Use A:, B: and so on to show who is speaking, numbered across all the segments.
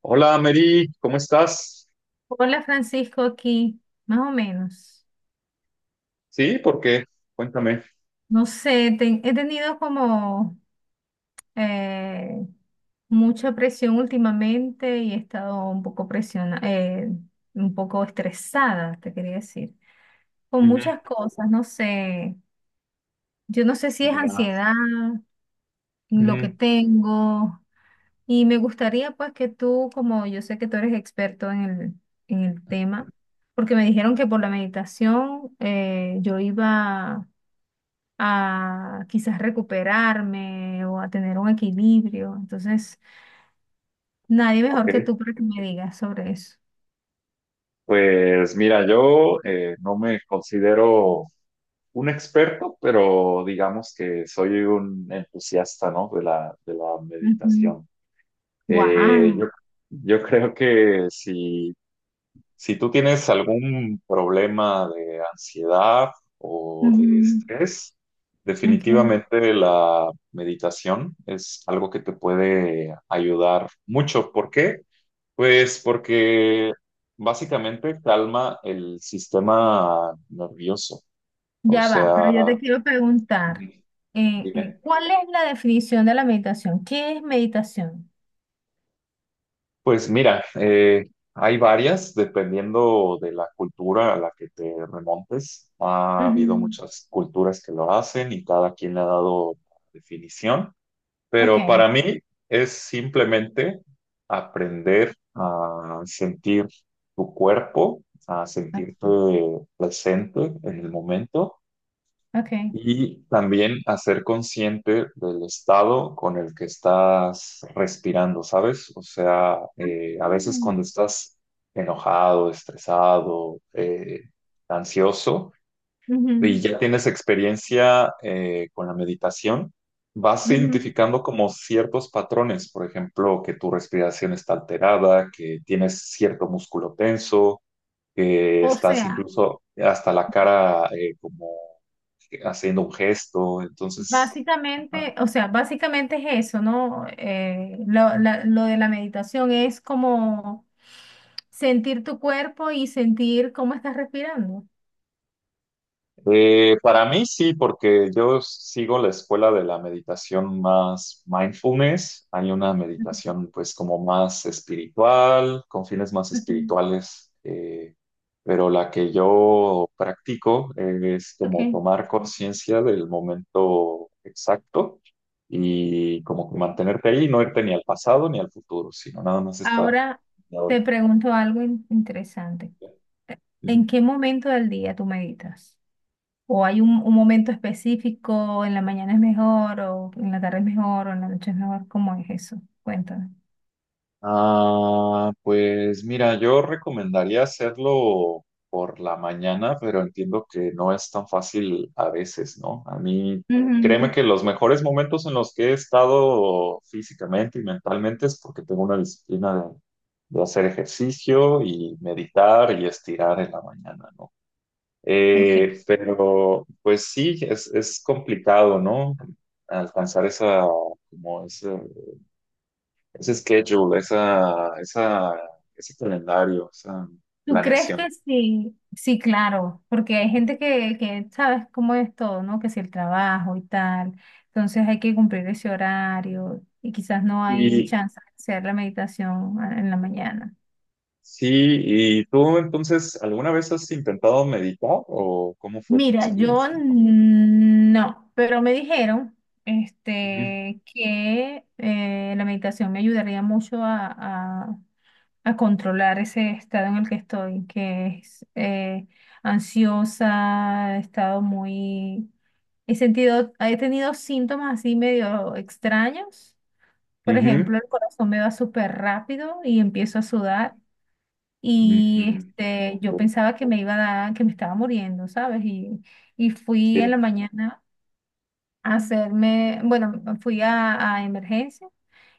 A: Hola, Mary, ¿cómo estás?
B: Hola Francisco, aquí, más o menos.
A: Sí, ¿por qué? Cuéntame.
B: No sé, he tenido como eh, mucha presión últimamente y he estado un poco un poco estresada, te quería decir, con
A: Ujú.
B: muchas cosas, no sé. Yo no sé si es
A: Ya.
B: ansiedad, lo que
A: Ujú.
B: tengo, y me gustaría pues que tú, como yo sé que tú eres experto en el tema, porque me dijeron que por la meditación yo iba a quizás recuperarme o a tener un equilibrio. Entonces, nadie mejor que
A: Ok.
B: tú para que me digas sobre eso.
A: Pues mira, yo no me considero un experto, pero digamos que soy un entusiasta, ¿no? De la
B: Ujú.
A: meditación. Eh,
B: Wow.
A: yo, yo creo que si tú tienes algún problema de ansiedad o de
B: Ujú.
A: estrés,
B: Ok.
A: definitivamente la meditación es algo que te puede ayudar mucho. ¿Por qué? Pues porque básicamente calma el sistema nervioso. O
B: Ya va, pero yo
A: sea,
B: te quiero preguntar,
A: ujú. Dime.
B: ¿cuál es la definición de la meditación? ¿Qué es meditación?
A: Pues mira, hay varias, dependiendo de la cultura a la que te remontes. Ha habido
B: Ujú.
A: muchas culturas que lo hacen y cada quien le ha dado definición,
B: Ok,
A: pero para mí es simplemente aprender a sentir tu cuerpo, a
B: ok,
A: sentirte presente en el momento
B: ok.
A: y también hacer consciente del estado con el que estás respirando, ¿sabes? O sea,
B: Ah,
A: a veces cuando estás enojado, estresado, ansioso, y
B: ujú,
A: ya tienes experiencia con la meditación, vas
B: ujú.
A: identificando como ciertos patrones, por ejemplo, que tu respiración está alterada, que tienes cierto músculo tenso, que
B: O
A: estás
B: sea,
A: incluso hasta la cara como haciendo un gesto. Entonces, ajá.
B: básicamente, o sea, básicamente es eso, ¿no? Lo de la meditación es como sentir tu cuerpo y sentir cómo estás respirando.
A: Para mí sí, porque yo sigo la escuela de la meditación más mindfulness. Hay una meditación pues como más espiritual, con fines más
B: Ujú.
A: espirituales, pero la que yo practico es como
B: Ok.
A: tomar conciencia del momento exacto. Y como que mantenerte ahí, no irte ni al pasado ni al futuro, sino nada más estar.
B: Ahora te pregunto algo interesante.
A: Ujú.
B: ¿En qué momento del día tú meditas? ¿O hay un momento específico, en la mañana es mejor, o en la tarde es mejor, o en la noche es mejor? ¿Cómo es eso? Cuéntame.
A: Ah, pues mira, yo recomendaría hacerlo por la mañana, pero entiendo que no es tan fácil a veces, ¿no? A mí, créeme
B: Ujú.
A: que los mejores momentos en los que he estado físicamente y mentalmente es porque tengo una disciplina de hacer ejercicio y meditar y estirar en la mañana, ¿no?
B: Ok.
A: Pero pues sí, es complicado, ¿no? Alcanzar esa, como ese ese schedule, esa, ese calendario, esa
B: ¿Tú crees que
A: planeación.
B: sí? Sí, claro, porque hay gente que sabes cómo es todo, ¿no? Que si el trabajo y tal, entonces hay que cumplir ese horario y quizás no hay
A: Y
B: chance de hacer la meditación en la mañana.
A: sí, ¿y tú entonces alguna vez has intentado meditar o cómo fue tu
B: Mira, yo
A: experiencia?
B: no, pero me dijeron
A: Ujú,
B: este, que la meditación me ayudaría mucho a controlar ese estado en el que estoy, que es ansiosa, he estado muy... He sentido, he tenido síntomas así medio extraños. Por
A: ujú,
B: ejemplo, el corazón me va súper rápido y empiezo a sudar. Y
A: mm,
B: este, yo
A: ok.
B: pensaba que me iba a dar, que me estaba muriendo, ¿sabes? Y fui en la
A: Sí,
B: mañana a hacerme, bueno, fui a emergencia.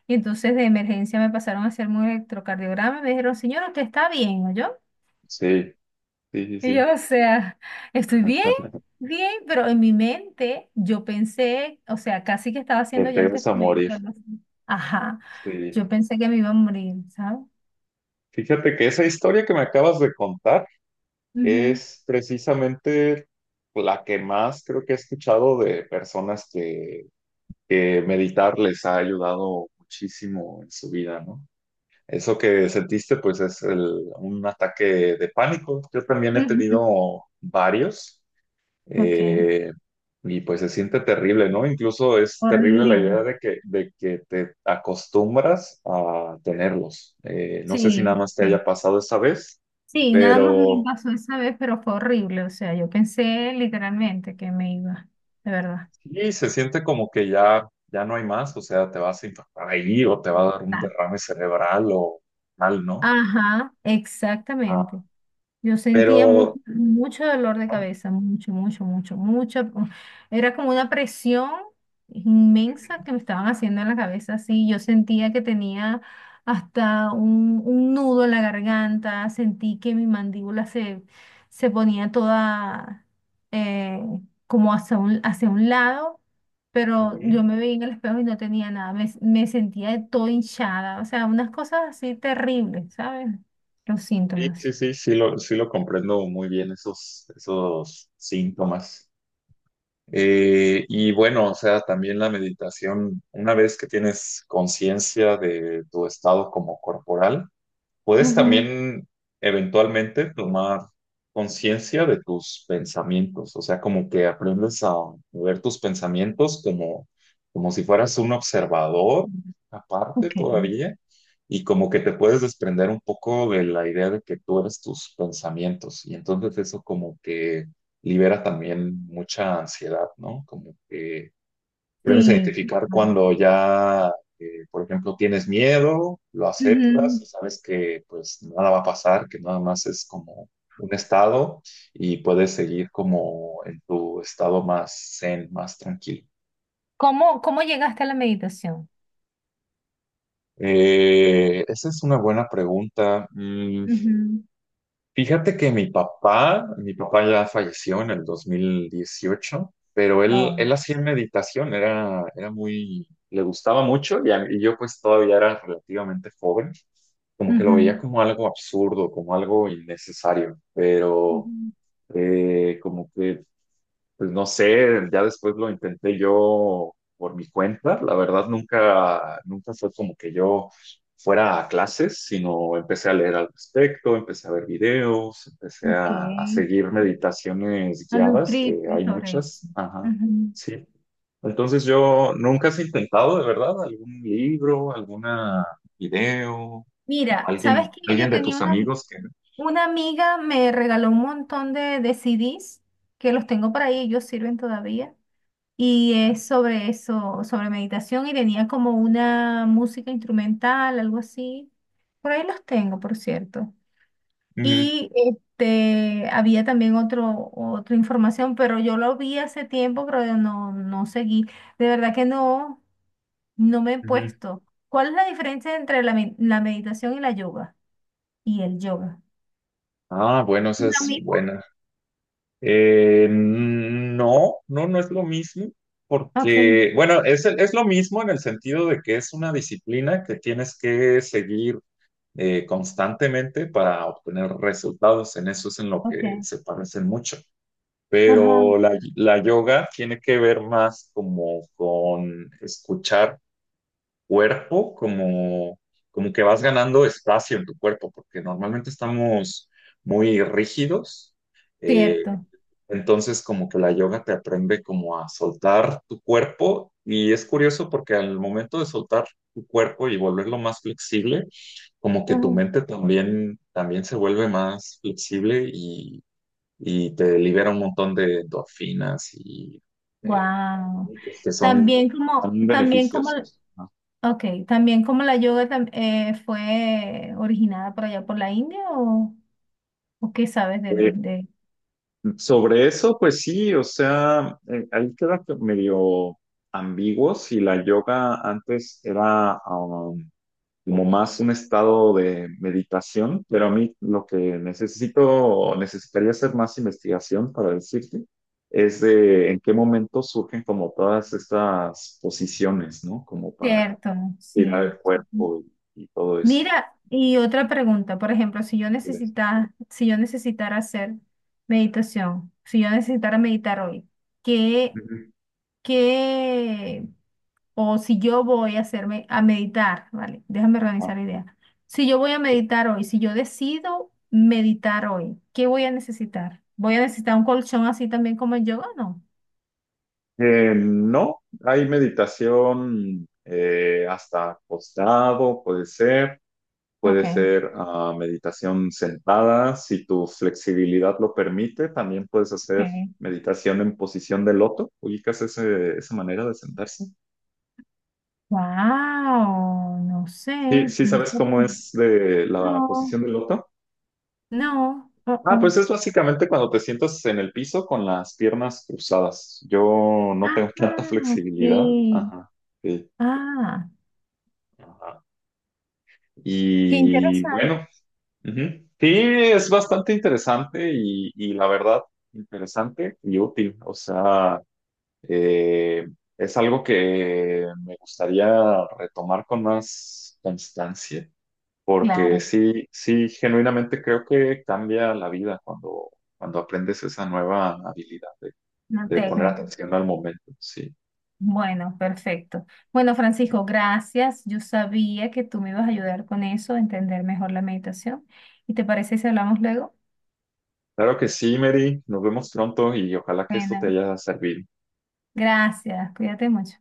B: Y entonces de emergencia me pasaron a hacerme un electrocardiograma y me dijeron, señor, usted está bien, ¿oyó?
A: sí, sí, sí,
B: Y
A: sí.
B: yo, o sea, estoy
A: Ajá,
B: bien,
A: ajá.
B: bien, pero en mi mente yo pensé, o sea, casi que estaba
A: Que
B: haciendo ya
A: te
B: el
A: vas a morir.
B: testamento. Algo así. Ajá,
A: Sí.
B: yo pensé que me iba a morir, ¿sabes?
A: Fíjate que esa historia que me acabas de contar
B: Ujú,
A: es precisamente la que más creo que he escuchado de personas que meditar les ha ayudado muchísimo en su vida, ¿no? Eso que sentiste, pues es un ataque de pánico. Yo también he
B: ujú.
A: tenido varios,
B: Ok,
A: eh, y pues se siente terrible, ¿no? Incluso es terrible la
B: horrible.
A: idea de que te acostumbras a tenerlos. No sé si nada
B: Sí,
A: más te
B: sí.
A: haya pasado esta vez,
B: Sí, nada más me
A: pero
B: pasó esa vez, pero fue horrible. O sea, yo pensé literalmente que me iba, de verdad.
A: sí se siente como que ya, ya no hay más, o sea, te vas a infartar ahí o te va a dar un derrame cerebral o mal, ¿no?
B: Ajá,
A: Ah,
B: exactamente. Yo sentía mucho,
A: pero,
B: mucho dolor de
A: ah,
B: cabeza, mucho, mucho, mucho, mucho. Era como una presión inmensa que me estaban haciendo en la cabeza, así. Yo sentía que tenía hasta un nudo en la garganta, sentí que mi mandíbula se ponía toda eh, como hacia hacia un lado, pero
A: ujú.
B: yo me veía en el espejo y no tenía nada, me sentía de todo hinchada, o sea, unas cosas así terribles, ¿sabes? Los
A: Sí,
B: síntomas.
A: sí, sí, sí lo comprendo muy bien esos, esos síntomas. Y bueno, o sea, también la meditación, una vez que tienes conciencia de tu estado como corporal, puedes
B: Ujú.
A: también eventualmente tomar conciencia de tus pensamientos, o sea, como que aprendes a ver tus pensamientos como, como si fueras un observador aparte
B: Ok,
A: todavía, y como que te puedes desprender un poco de la idea de que tú eres tus pensamientos, y entonces eso como que libera también mucha ansiedad, ¿no? Como que aprendes a
B: sí,
A: identificar
B: claro.
A: cuando ya, por ejemplo, tienes miedo, lo aceptas
B: Ujú.
A: y sabes que pues nada va a pasar, que nada más es como un estado y puedes seguir como en tu estado más zen, más tranquilo.
B: ¿Cómo, cómo llegaste a la meditación?
A: Esa es una buena pregunta. Mm,
B: Ujú.
A: fíjate que mi papá ya falleció en el 2018, pero él,
B: Oh.
A: él hacía meditación, era, era muy, le gustaba mucho y, y yo pues todavía era relativamente joven, como que lo veía
B: Ujú,
A: como algo absurdo, como algo innecesario, pero
B: ujú.
A: como que pues no sé, ya después lo intenté yo por mi cuenta. La verdad, nunca, nunca fue como que yo fuera a clases, sino empecé a leer al respecto, empecé a ver videos, empecé
B: Ok,
A: a seguir meditaciones
B: a
A: guiadas, que
B: nutrirte
A: hay
B: sobre eso.
A: muchas. Ajá,
B: Ujú.
A: sí. Entonces yo nunca has intentado, de verdad, algún libro, alguna video, o
B: Mira, ¿sabes
A: alguien,
B: que
A: alguien
B: yo
A: de
B: tenía
A: tus amigos que...
B: una amiga, me regaló un montón de CDs que los tengo por ahí, ellos sirven todavía. Y es sobre eso, sobre meditación y tenía como una música instrumental, algo así. Por ahí los tengo, por cierto.
A: Ujú,
B: Y este, había también otra información, pero yo lo vi hace tiempo, pero yo no, no seguí. De verdad que no, no me he
A: ujú.
B: puesto. ¿Cuál es la diferencia entre la meditación y la yoga? Y el yoga.
A: Ah, bueno, esa
B: ¿Lo
A: es
B: mismo?
A: buena. No, no, no es lo mismo,
B: Ok,
A: porque, bueno, es, es lo mismo en el sentido de que es una disciplina que tienes que seguir constantemente para obtener resultados. En eso es en lo que
B: ok.
A: se parecen mucho.
B: Ajá,
A: Pero la yoga tiene que ver más como con escuchar cuerpo, como, como que vas ganando espacio en tu cuerpo, porque normalmente estamos muy rígidos, eh,
B: cierto.
A: entonces, como que la yoga te aprende como a soltar tu cuerpo y es curioso porque al momento de soltar tu cuerpo y volverlo más flexible, como que tu mente también, también se vuelve más flexible y te libera un montón de endorfinas eh,
B: Wow.
A: y pues que son,
B: También como,
A: son
B: también como
A: beneficiosos, ¿no?
B: ok, también como la fue originada por allá por la India o qué sabes
A: Eh,
B: de...
A: Sobre eso, pues sí, o sea, ahí queda medio ambiguo si la yoga antes era... como más un estado de meditación, pero a mí lo que necesito, o necesitaría hacer más investigación para decirte, es de en qué momento surgen como todas estas posiciones, ¿no? Como para
B: Cierto,
A: tirar
B: sí.
A: el cuerpo y todo eso.
B: Mira, y otra pregunta, por ejemplo,
A: Ujú.
B: si yo necesitara hacer meditación, si yo necesitara meditar hoy, ¿qué, qué o si yo voy a hacerme a meditar, vale, déjame
A: Ah,
B: organizar la idea. Si yo voy a meditar hoy, si yo decido meditar hoy, ¿qué voy a necesitar? ¿Voy a necesitar un colchón así también como el yoga o no?
A: no, hay meditación hasta acostado, puede ser. Puede
B: Ok,
A: ser ah, meditación sentada, si tu flexibilidad lo permite, también puedes hacer
B: ok.
A: meditación en posición de loto. ¿Ubicas esa manera de sentarse?
B: Wow, no sé,
A: Sí, sí,
B: ¿cómo
A: ¿sabes
B: está
A: cómo es de la
B: no,
A: posición de loto?
B: no,
A: Ah, pues es básicamente cuando te sientas en el piso con las piernas cruzadas. Yo no tengo tanta
B: Ah, ok.
A: flexibilidad. Ajá, sí.
B: Ah,
A: Ajá.
B: qué
A: Y
B: interesante.
A: bueno, ujú. Sí, es bastante interesante y la verdad, interesante y útil. O sea, eh, es algo que me gustaría retomar con más constancia, porque
B: Claro,
A: sí, sí, genuinamente creo que cambia la vida cuando, cuando aprendes esa nueva habilidad
B: una
A: de poner
B: técnica.
A: atención al momento. Sí,
B: Bueno, perfecto. Bueno, Francisco, gracias. Yo sabía que tú me ibas a ayudar con eso, a entender mejor la meditación. ¿Y te parece si hablamos luego?
A: claro que sí, Mary. Nos vemos pronto y ojalá que esto te
B: Bueno,
A: haya servido.
B: gracias. Cuídate mucho.